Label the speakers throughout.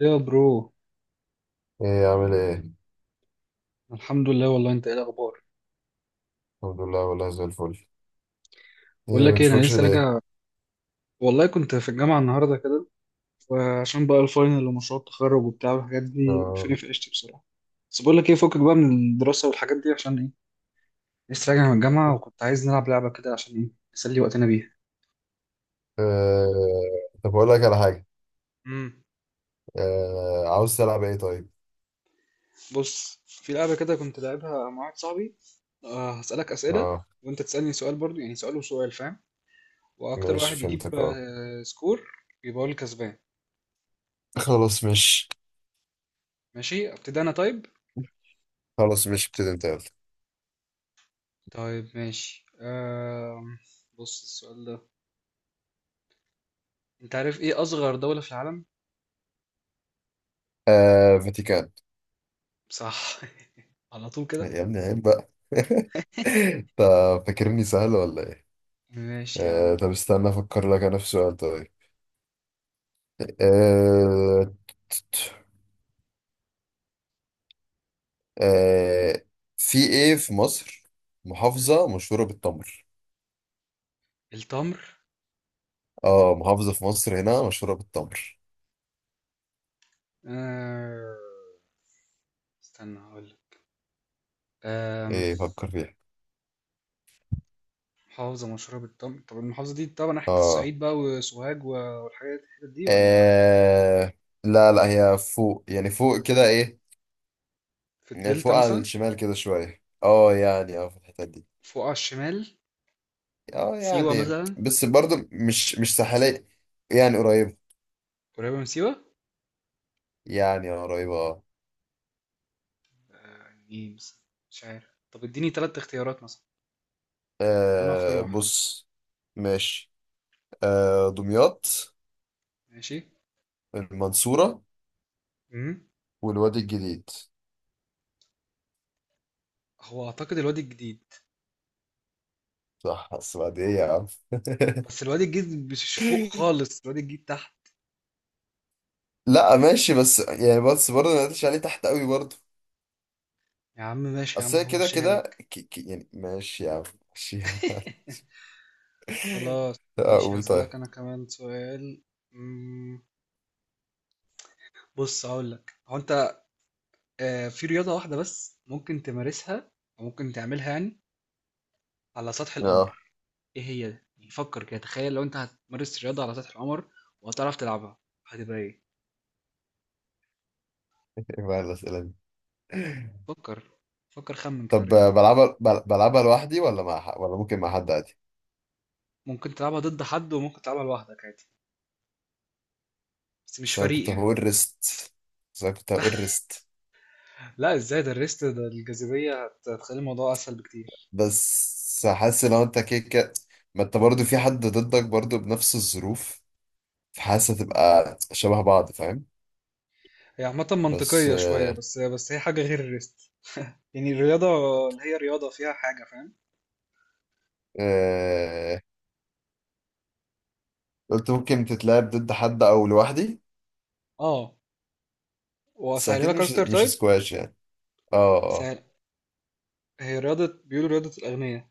Speaker 1: يا برو.
Speaker 2: ايه؟ عامل ايه؟
Speaker 1: الحمد لله والله انت ايه الاخبار؟
Speaker 2: الحمد لله والله، زي الفل.
Speaker 1: بقول
Speaker 2: ايه ما
Speaker 1: لك ايه، انا
Speaker 2: بنشوفكش
Speaker 1: لسه
Speaker 2: ليه؟
Speaker 1: راجع، والله كنت في الجامعه النهارده كده، وعشان بقى الفاينل ومشروع التخرج وبتاع والحاجات دي وقفوني
Speaker 2: آه.
Speaker 1: في عيشتي بصراحه. بس بقول لك ايه، فكك بقى من الدراسه والحاجات دي، عشان ايه؟ لسه راجع من الجامعه وكنت عايز نلعب لعبه كده عشان ايه، نسلي وقتنا بيها.
Speaker 2: آه. طب اقول لك على حاجه.
Speaker 1: امم
Speaker 2: آه. عاوز تلعب ايه طيب؟
Speaker 1: بص، في لعبه كده كنت لعبها مع واحد صاحبي. آه، هسالك اسئله
Speaker 2: اه
Speaker 1: وانت تسالني سؤال برضو، يعني سؤال وسؤال فاهم، واكتر
Speaker 2: ماشي،
Speaker 1: واحد يجيب
Speaker 2: فهمتك، اه.
Speaker 1: آه سكور يبقى هو الكسبان.
Speaker 2: خلاص مش
Speaker 1: ماشي ابتدي انا طيب.
Speaker 2: خلاص مش، ابتدي انت يلا.
Speaker 1: طيب ماشي، بص السؤال ده، انت عارف ايه اصغر دولة في العالم؟
Speaker 2: آه. فاتيكان.
Speaker 1: صح على طول كده.
Speaker 2: يا ابني عيب بقى طب فاكرني سهل ولا ايه؟
Speaker 1: ماشي يا
Speaker 2: آه.
Speaker 1: عم.
Speaker 2: طب استنى افكر لك انا في سؤال طيب. آه. آه. في ايه في مصر محافظه مشهوره بالتمر؟
Speaker 1: التمر.
Speaker 2: اه، محافظة في مصر هنا مشهورة بالتمر.
Speaker 1: آه، استنى هقول لك. آم،
Speaker 2: ايه، فكر فيها.
Speaker 1: محافظة مشهورة بالتمر، طب المحافظة دي طبعا ناحية
Speaker 2: اه.
Speaker 1: الصعيد بقى وسوهاج والحاجات الحتت دي ولا
Speaker 2: آه، لا لا، هي فوق، يعني فوق كده، ايه.
Speaker 1: في
Speaker 2: يعني
Speaker 1: الدلتا
Speaker 2: فوق على
Speaker 1: مثلا؟
Speaker 2: الشمال كده شوية، اه يعني، اه في الحتة دي.
Speaker 1: فوق على الشمال.
Speaker 2: اه
Speaker 1: سيوة
Speaker 2: يعني،
Speaker 1: مثلا.
Speaker 2: بس برضو مش ساحلية. يعني قريبة.
Speaker 1: قريبة من سيوة.
Speaker 2: يعني اه، قريبة اه.
Speaker 1: آه، ايه مثلا؟ مش عارف، طب اديني تلات اختيارات مثلا وانا هختار واحدة.
Speaker 2: بص. ماشي. دمياط،
Speaker 1: ماشي.
Speaker 2: المنصورة،
Speaker 1: مم.
Speaker 2: والوادي الجديد.
Speaker 1: هو اعتقد الوادي الجديد.
Speaker 2: صح بس بعد ايه يا عم؟
Speaker 1: بس الواد الجديد مش فوق خالص، الواد الجديد تحت.
Speaker 2: لا ماشي، بس يعني، بس برضه ما قلتش عليه تحت قوي برضه.
Speaker 1: يا عم ماشي يا
Speaker 2: اصل
Speaker 1: عم،
Speaker 2: هي كده
Speaker 1: همشيها
Speaker 2: كده،
Speaker 1: لك.
Speaker 2: يعني ماشي يا عم. ماشي يا عم
Speaker 1: خلاص. ماشي
Speaker 2: اقول طيب.
Speaker 1: هسألك أنا كمان سؤال. مم، بص هقول لك، هو أنت، آه، في رياضة واحدة بس ممكن تمارسها أو ممكن تعملها يعني على سطح
Speaker 2: اه.
Speaker 1: القمر، إيه هي ده؟ يعني فكر كده، تخيل لو أنت هتمارس رياضة على سطح القمر وهتعرف تلعبها، هتبقى إيه؟
Speaker 2: ايه بقى الاسئله دي؟
Speaker 1: فكر، فكر خمن كده
Speaker 2: طب
Speaker 1: رياضة.
Speaker 2: بلعبها، بلعبها لوحدي ولا مع ولا ممكن مع حد عادي؟
Speaker 1: ممكن تلعبها ضد حد وممكن تلعبها لوحدك عادي، بس مش
Speaker 2: بس انا
Speaker 1: فريق
Speaker 2: كنت
Speaker 1: يعني.
Speaker 2: هقول ريست بس انا كنت هقول ريست.
Speaker 1: لا ازاي ده؟ الريست ده الجاذبية هتخلي الموضوع اسهل بكتير.
Speaker 2: بس حاسس لو انت كده كده، ما انت برضه في حد ضدك برضه بنفس الظروف، فحاسس هتبقى شبه بعض، فاهم؟
Speaker 1: هي عامة
Speaker 2: بس.
Speaker 1: منطقية شوية، بس هي حاجة غير الريست، يعني الرياضة اللي هي رياضة فيها حاجة فاهم.
Speaker 2: آه، قلت ممكن تتلعب ضد حد او لوحدي.
Speaker 1: اه،
Speaker 2: بس
Speaker 1: واسهلها
Speaker 2: اكيد
Speaker 1: لك
Speaker 2: مش
Speaker 1: اكتر
Speaker 2: مش
Speaker 1: طيب.
Speaker 2: سكواش يعني. اه، اه.
Speaker 1: سهل، هي رياضة بيقولوا رياضة الاغنياء.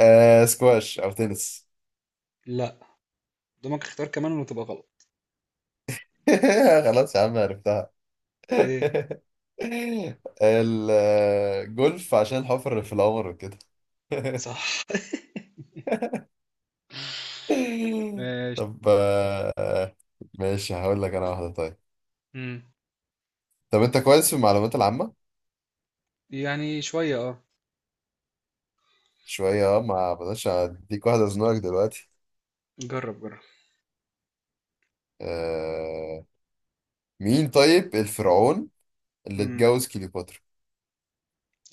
Speaker 2: سكواش او تنس.
Speaker 1: لا، قدامك اختيار كمان وتبقى غلط.
Speaker 2: خلاص يا عم، عرفتها.
Speaker 1: ايه؟
Speaker 2: الجولف عشان الحفر في القمر وكده.
Speaker 1: صح. ماشي.
Speaker 2: طب ماشي، هقول لك انا واحده طيب.
Speaker 1: مم.
Speaker 2: طب انت كويس في المعلومات العامه؟
Speaker 1: يعني شوية اه.
Speaker 2: شويه اه. ما بلاش اديك واحده ازنقك دلوقتي.
Speaker 1: جرب جرب.
Speaker 2: آه، مين طيب الفرعون اللي
Speaker 1: مم.
Speaker 2: اتجوز كليوباترا؟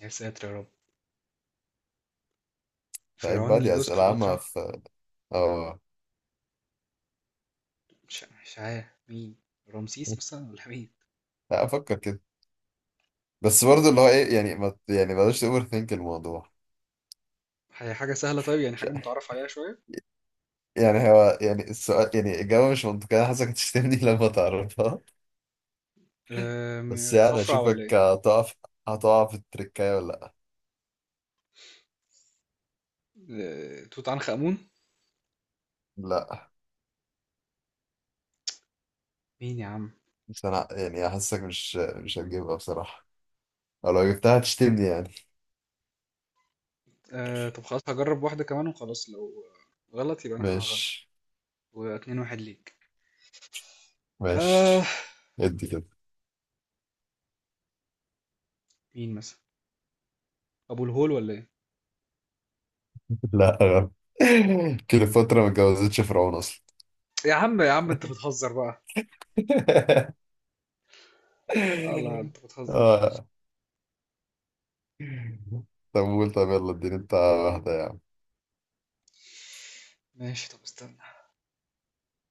Speaker 1: يا ساتر يا رب،
Speaker 2: طيب
Speaker 1: فرعون
Speaker 2: بقى
Speaker 1: اللي
Speaker 2: دي
Speaker 1: جوز
Speaker 2: أسئلة عامة
Speaker 1: كليوباترا.
Speaker 2: في. اه.
Speaker 1: مش عارف مين، رمسيس مثلا ولا مين؟
Speaker 2: لا أفكر كده. بس برضه اللي هو إيه، يعني ما ت- يعني بلاش تأوفر ثينك الموضوع.
Speaker 1: هي حاجة سهلة طيب، يعني
Speaker 2: مش-
Speaker 1: حاجة متعرف عليها شوية.
Speaker 2: يعني هو، يعني السؤال، يعني الإجابة مش منطقية. أنا حاسسك هتشتمني لما تعرفها.
Speaker 1: آه،
Speaker 2: بس يعني
Speaker 1: خفرع ولا
Speaker 2: أشوفك
Speaker 1: ايه؟
Speaker 2: هتقع في التركاية ولا.
Speaker 1: آه، توت عنخ آمون.
Speaker 2: لأ، لأ.
Speaker 1: مين يا عم؟
Speaker 2: بس أنا يعني حاسسك مش هتجيبها بصراحة، أو لو جبتها هتشتمني يعني.
Speaker 1: آه، طب خلاص هجرب واحدة كمان وخلاص، لو آه، غلط يبقى انا هغلط،
Speaker 2: ماشي.
Speaker 1: واتنين واحد ليك. آه.
Speaker 2: ماشي. ادي كده.
Speaker 1: مين مثلا، ابو الهول ولا ايه؟
Speaker 2: لا غلط. كليوباترا ما اتجوزتش فرعون أصلا.
Speaker 1: يا عم يا عم انت بتهزر بقى. آه لا انت بتهزر.
Speaker 2: اه، طب قول، طب يلا اديني انت واحدة يا عم.
Speaker 1: ماشي طب استنى.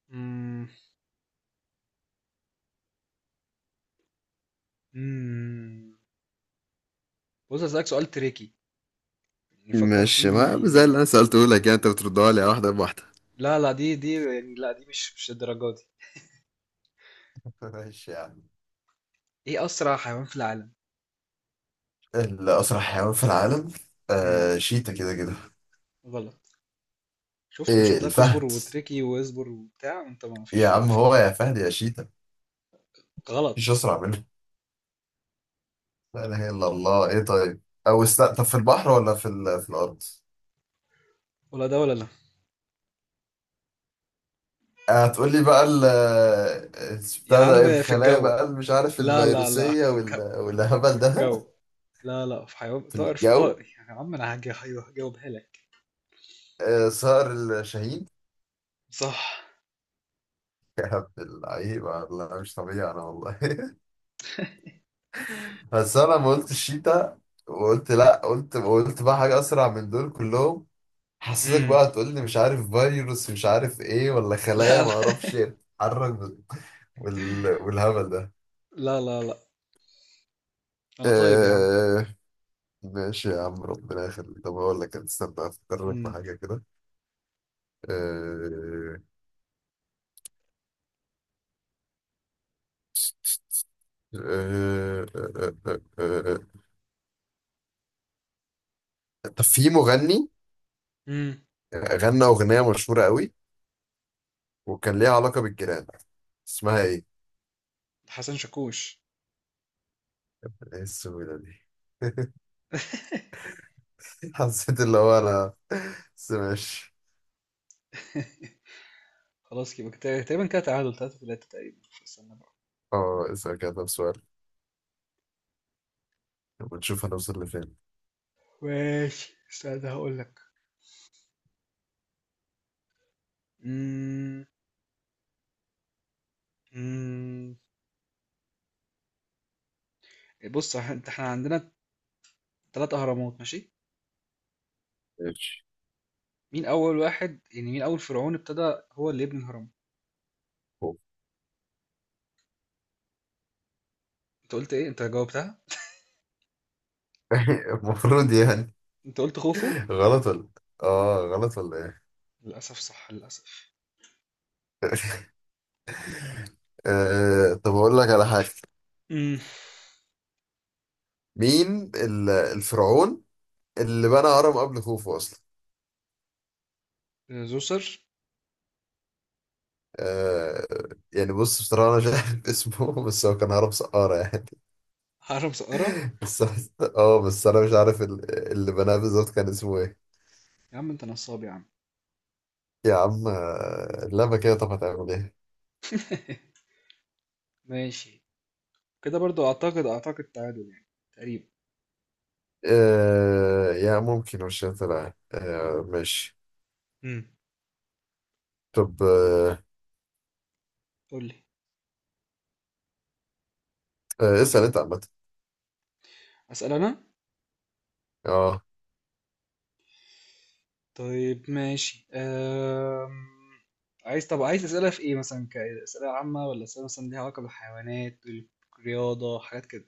Speaker 1: مم. مم. بص هسألك سؤال تريكي، يعني فكر
Speaker 2: ماشي، ما زي اللي
Speaker 1: فيه.
Speaker 2: انا سألته لك يعني، انت بتردها لي على واحدة بواحدة.
Speaker 1: لا لا، دي يعني، لا دي مش الدرجة دي.
Speaker 2: ماشي يا عم.
Speaker 1: ايه اسرع حيوان في العالم؟
Speaker 2: الأسرع حيوان في العالم.
Speaker 1: امم
Speaker 2: شيتا كده كده.
Speaker 1: غلط. شفت، مش
Speaker 2: ايه،
Speaker 1: قلت لك اصبر
Speaker 2: الفهد.
Speaker 1: وتركي واصبر وبتاع، انت ما فيش
Speaker 2: يا
Speaker 1: فايده
Speaker 2: عم
Speaker 1: فيه.
Speaker 2: هو يا فهد يا شيتا، مفيش
Speaker 1: غلط.
Speaker 2: أسرع منه. لا إله إلا الله، ايه طيب؟ أو طب في البحر ولا في الأرض؟
Speaker 1: ولا ده ولا لا.
Speaker 2: هتقول لي بقى ال آه،
Speaker 1: يا
Speaker 2: بتاع
Speaker 1: عم
Speaker 2: ده،
Speaker 1: في
Speaker 2: الخلايا
Speaker 1: الجو.
Speaker 2: بقى اللي مش عارف،
Speaker 1: لا
Speaker 2: الفيروسية
Speaker 1: في الجو،
Speaker 2: والهبل
Speaker 1: في
Speaker 2: ده.
Speaker 1: الجو. لا لا، في حيوان
Speaker 2: في
Speaker 1: طائر، في
Speaker 2: الجو.
Speaker 1: طائر يا عم، انا هجاوبها لك.
Speaker 2: صقر، الشاهين.
Speaker 1: صح.
Speaker 2: اللعيبة، لا مش طبيعي أنا والله بس أنا لما قلت الشيتا وقلت لأ، قلت بقى حاجة أسرع من دول كلهم. حسيتك
Speaker 1: امم
Speaker 2: بقى تقول لي مش عارف فيروس، مش عارف إيه، ولا
Speaker 1: لا
Speaker 2: خلايا
Speaker 1: لا.
Speaker 2: ما أعرفش إيه، تتحرك بال- والهبل ده.
Speaker 1: لا انا طيب يا عم.
Speaker 2: آه... ماشي يا عم، ربنا يخليك. طب أقول لك، استنى أفكر لك في
Speaker 1: امم
Speaker 2: حاجة كده. آه... آه... آه... آه... آه... آه. طب في مغني
Speaker 1: امم
Speaker 2: غنى أغنية مشهورة قوي، وكان ليها علاقة بالجيران، اسمها ايه؟
Speaker 1: حسن شاكوش.
Speaker 2: ايه السهولة دي؟ حسيت اللي هو انا، بس ماشي.
Speaker 1: خلاص يبقى تقريبا كده تعادل 3 3 تقريبا. استنى بقى.
Speaker 2: اه، اسأل كده طب سؤال، ونشوف هنوصل لفين.
Speaker 1: ماشي استنى هقول لك. امم امم بص انت احنا عندنا 3 أهرامات ماشي.
Speaker 2: ماشي.
Speaker 1: مين أول واحد، يعني مين أول فرعون ابتدى هو اللي يبني الهرم؟ أنت قلت إيه؟ أنت جاوبتها،
Speaker 2: المفروض يعني.
Speaker 1: أنت قلت خوفو.
Speaker 2: غلط ولا، اه غلط ولا ايه؟
Speaker 1: للأسف صح، للأسف.
Speaker 2: طب اقول لك على حاجة.
Speaker 1: امم
Speaker 2: مين الفرعون اللي بنى هرم قبل خوفو اصلا؟
Speaker 1: زوسر.
Speaker 2: آه. يعني بص، بصراحة أنا مش عارف اسمه، بس هو كان هرم سقارة يعني.
Speaker 1: هرم سقارة.
Speaker 2: بس اه، بس أنا مش عارف اللي بناه بالظبط كان اسمه إيه.
Speaker 1: يا عم أنت نصاب يا عم.
Speaker 2: يا عم اللعبة كده، طب هتعمل ايه؟
Speaker 1: ماشي، كده برضو أعتقد أعتقد تعادل يعني، تقريبا.
Speaker 2: يا ممكن مش هتلعب، آه ماشي.
Speaker 1: امم
Speaker 2: طب
Speaker 1: قول لي.
Speaker 2: آه، اسأل انت عامة.
Speaker 1: أسأل أنا.
Speaker 2: اه.
Speaker 1: طيب ماشي، عايز، طب عايز أسئلة في إيه مثلا، كأسئلة عامة ولا أسئلة مثلا ليها علاقة بالحيوانات، الرياضة، حاجات كده؟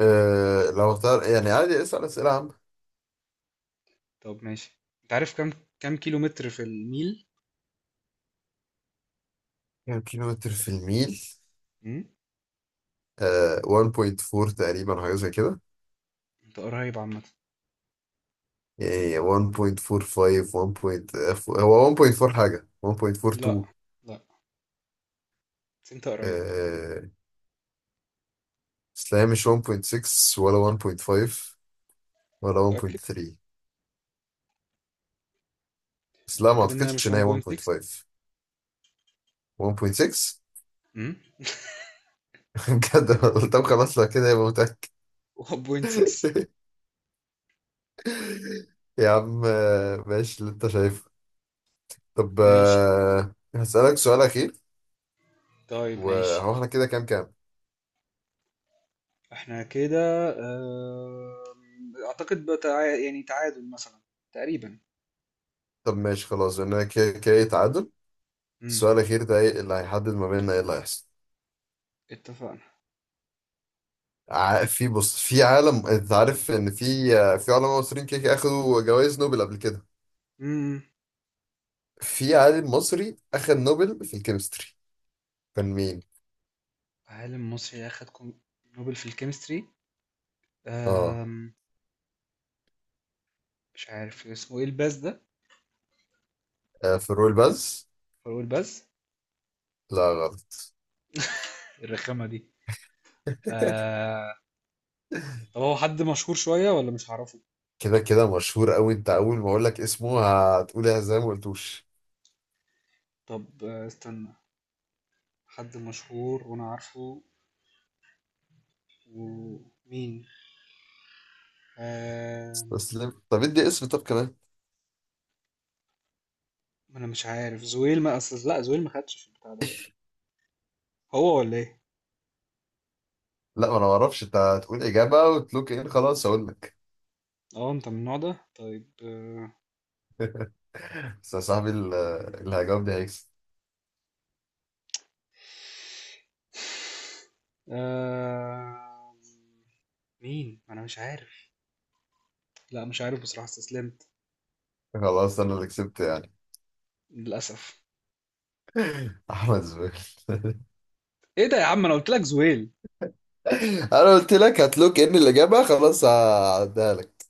Speaker 2: لو اختار يعني عادي، اسأل اسئلة عامة.
Speaker 1: طب ماشي، انت عارف كام، كام كيلو متر في الميل؟
Speaker 2: كام كيلو متر في الميل؟
Speaker 1: امم
Speaker 2: 1.4 تقريبا حاجة زي كده.
Speaker 1: انت قريب عامة.
Speaker 2: يعني 1.45، 1.4، هو 1.4 حاجة
Speaker 1: لا،
Speaker 2: 1.42.
Speaker 1: لا، بس انت قريب.
Speaker 2: آه بس لا هي مش 1.6 ولا 1.5 ولا
Speaker 1: متأكد.
Speaker 2: 1.3. بس لا ما
Speaker 1: متأكد انها
Speaker 2: اعتقدش
Speaker 1: مش
Speaker 2: ان هي
Speaker 1: 1.6؟
Speaker 2: 1.5. 1.6.
Speaker 1: امم
Speaker 2: بجد والله. طب خلاص لو كده يبقى متأكد.
Speaker 1: 1.6.
Speaker 2: يا عم ماشي، اللي انت شايفه. طب
Speaker 1: ماشي.
Speaker 2: هسألك سؤال أخير.
Speaker 1: طيب ماشي
Speaker 2: وهو احنا كده، كام كام؟
Speaker 1: احنا كده. اعتقد بقى يعني تعادل مثلا، تقريبا.
Speaker 2: طب ماشي خلاص، انا كده كده تعادل.
Speaker 1: امم
Speaker 2: السؤال الأخير ده، ايه اللي هيحدد ما بيننا، ايه اللي هيحصل.
Speaker 1: اتفقنا.
Speaker 2: ع- في بص، في عالم، انت عارف ان في في علماء مصريين كده كده اخدوا جوائز نوبل قبل كده.
Speaker 1: امم
Speaker 2: في عالم مصري اخد نوبل في الكيمستري، كان مين؟
Speaker 1: عالم مصري اخد نوبل في الكيمستري.
Speaker 2: اه.
Speaker 1: أم... مش عارف اسمه ايه، الباز ده.
Speaker 2: فاروق الباز.
Speaker 1: فاروق الباز.
Speaker 2: لا غلط.
Speaker 1: الرخامة دي. طب هو حد مشهور شوية ولا مش هعرفه؟
Speaker 2: كده كده مشهور قوي، انت اول ما اقول لك اسمه هتقول ايه زي ما قلتوش.
Speaker 1: طب آه، استنى. حد مشهور وانا عارفه؟ ومين؟ آه...
Speaker 2: استسلم، طب ادي اسم طب كمان.
Speaker 1: ما انا مش عارف زويل، ما اصل، لا زويل ما خدش في البتاع ده، هو ولا ايه؟
Speaker 2: لا ما انا ما اعرفش، انت هتقول اجابه وتلوك ان خلاص اقول لك.
Speaker 1: اه انت من النوع ده طيب.
Speaker 2: بس يا صاحبي اللي هيجاوب ده هيكسب.
Speaker 1: آه... مين؟ ما انا مش عارف. لا مش عارف بصراحة، استسلمت.
Speaker 2: خلاص انا اللي كسبت يعني.
Speaker 1: للأسف.
Speaker 2: احمد زويل
Speaker 1: ايه ده يا عم، انا قلت لك زويل.
Speaker 2: انا قلت لك هتلوك ان الاجابه، خلاص هعديها لك.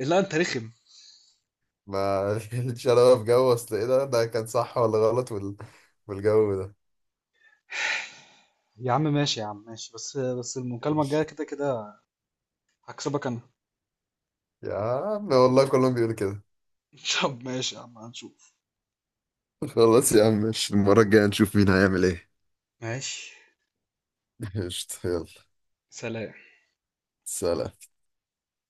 Speaker 1: لا انت رخم.
Speaker 2: ما ليش انا في جو، اصل ايه ده كان صح ولا غلط والجو ده.
Speaker 1: يا عم ماشي يا عم، ماشي، بس المكالمة الجاية
Speaker 2: ماشي.
Speaker 1: كده كده هكسبك انا.
Speaker 2: يا عم والله كلهم بيقولوا كده.
Speaker 1: طب ماشي يا عم هنشوف.
Speaker 2: خلاص يا عم ماشي، المرة الجاية نشوف مين هيعمل ايه.
Speaker 1: ماشي.
Speaker 2: قشطة، يلا.
Speaker 1: سلام.
Speaker 2: سلام.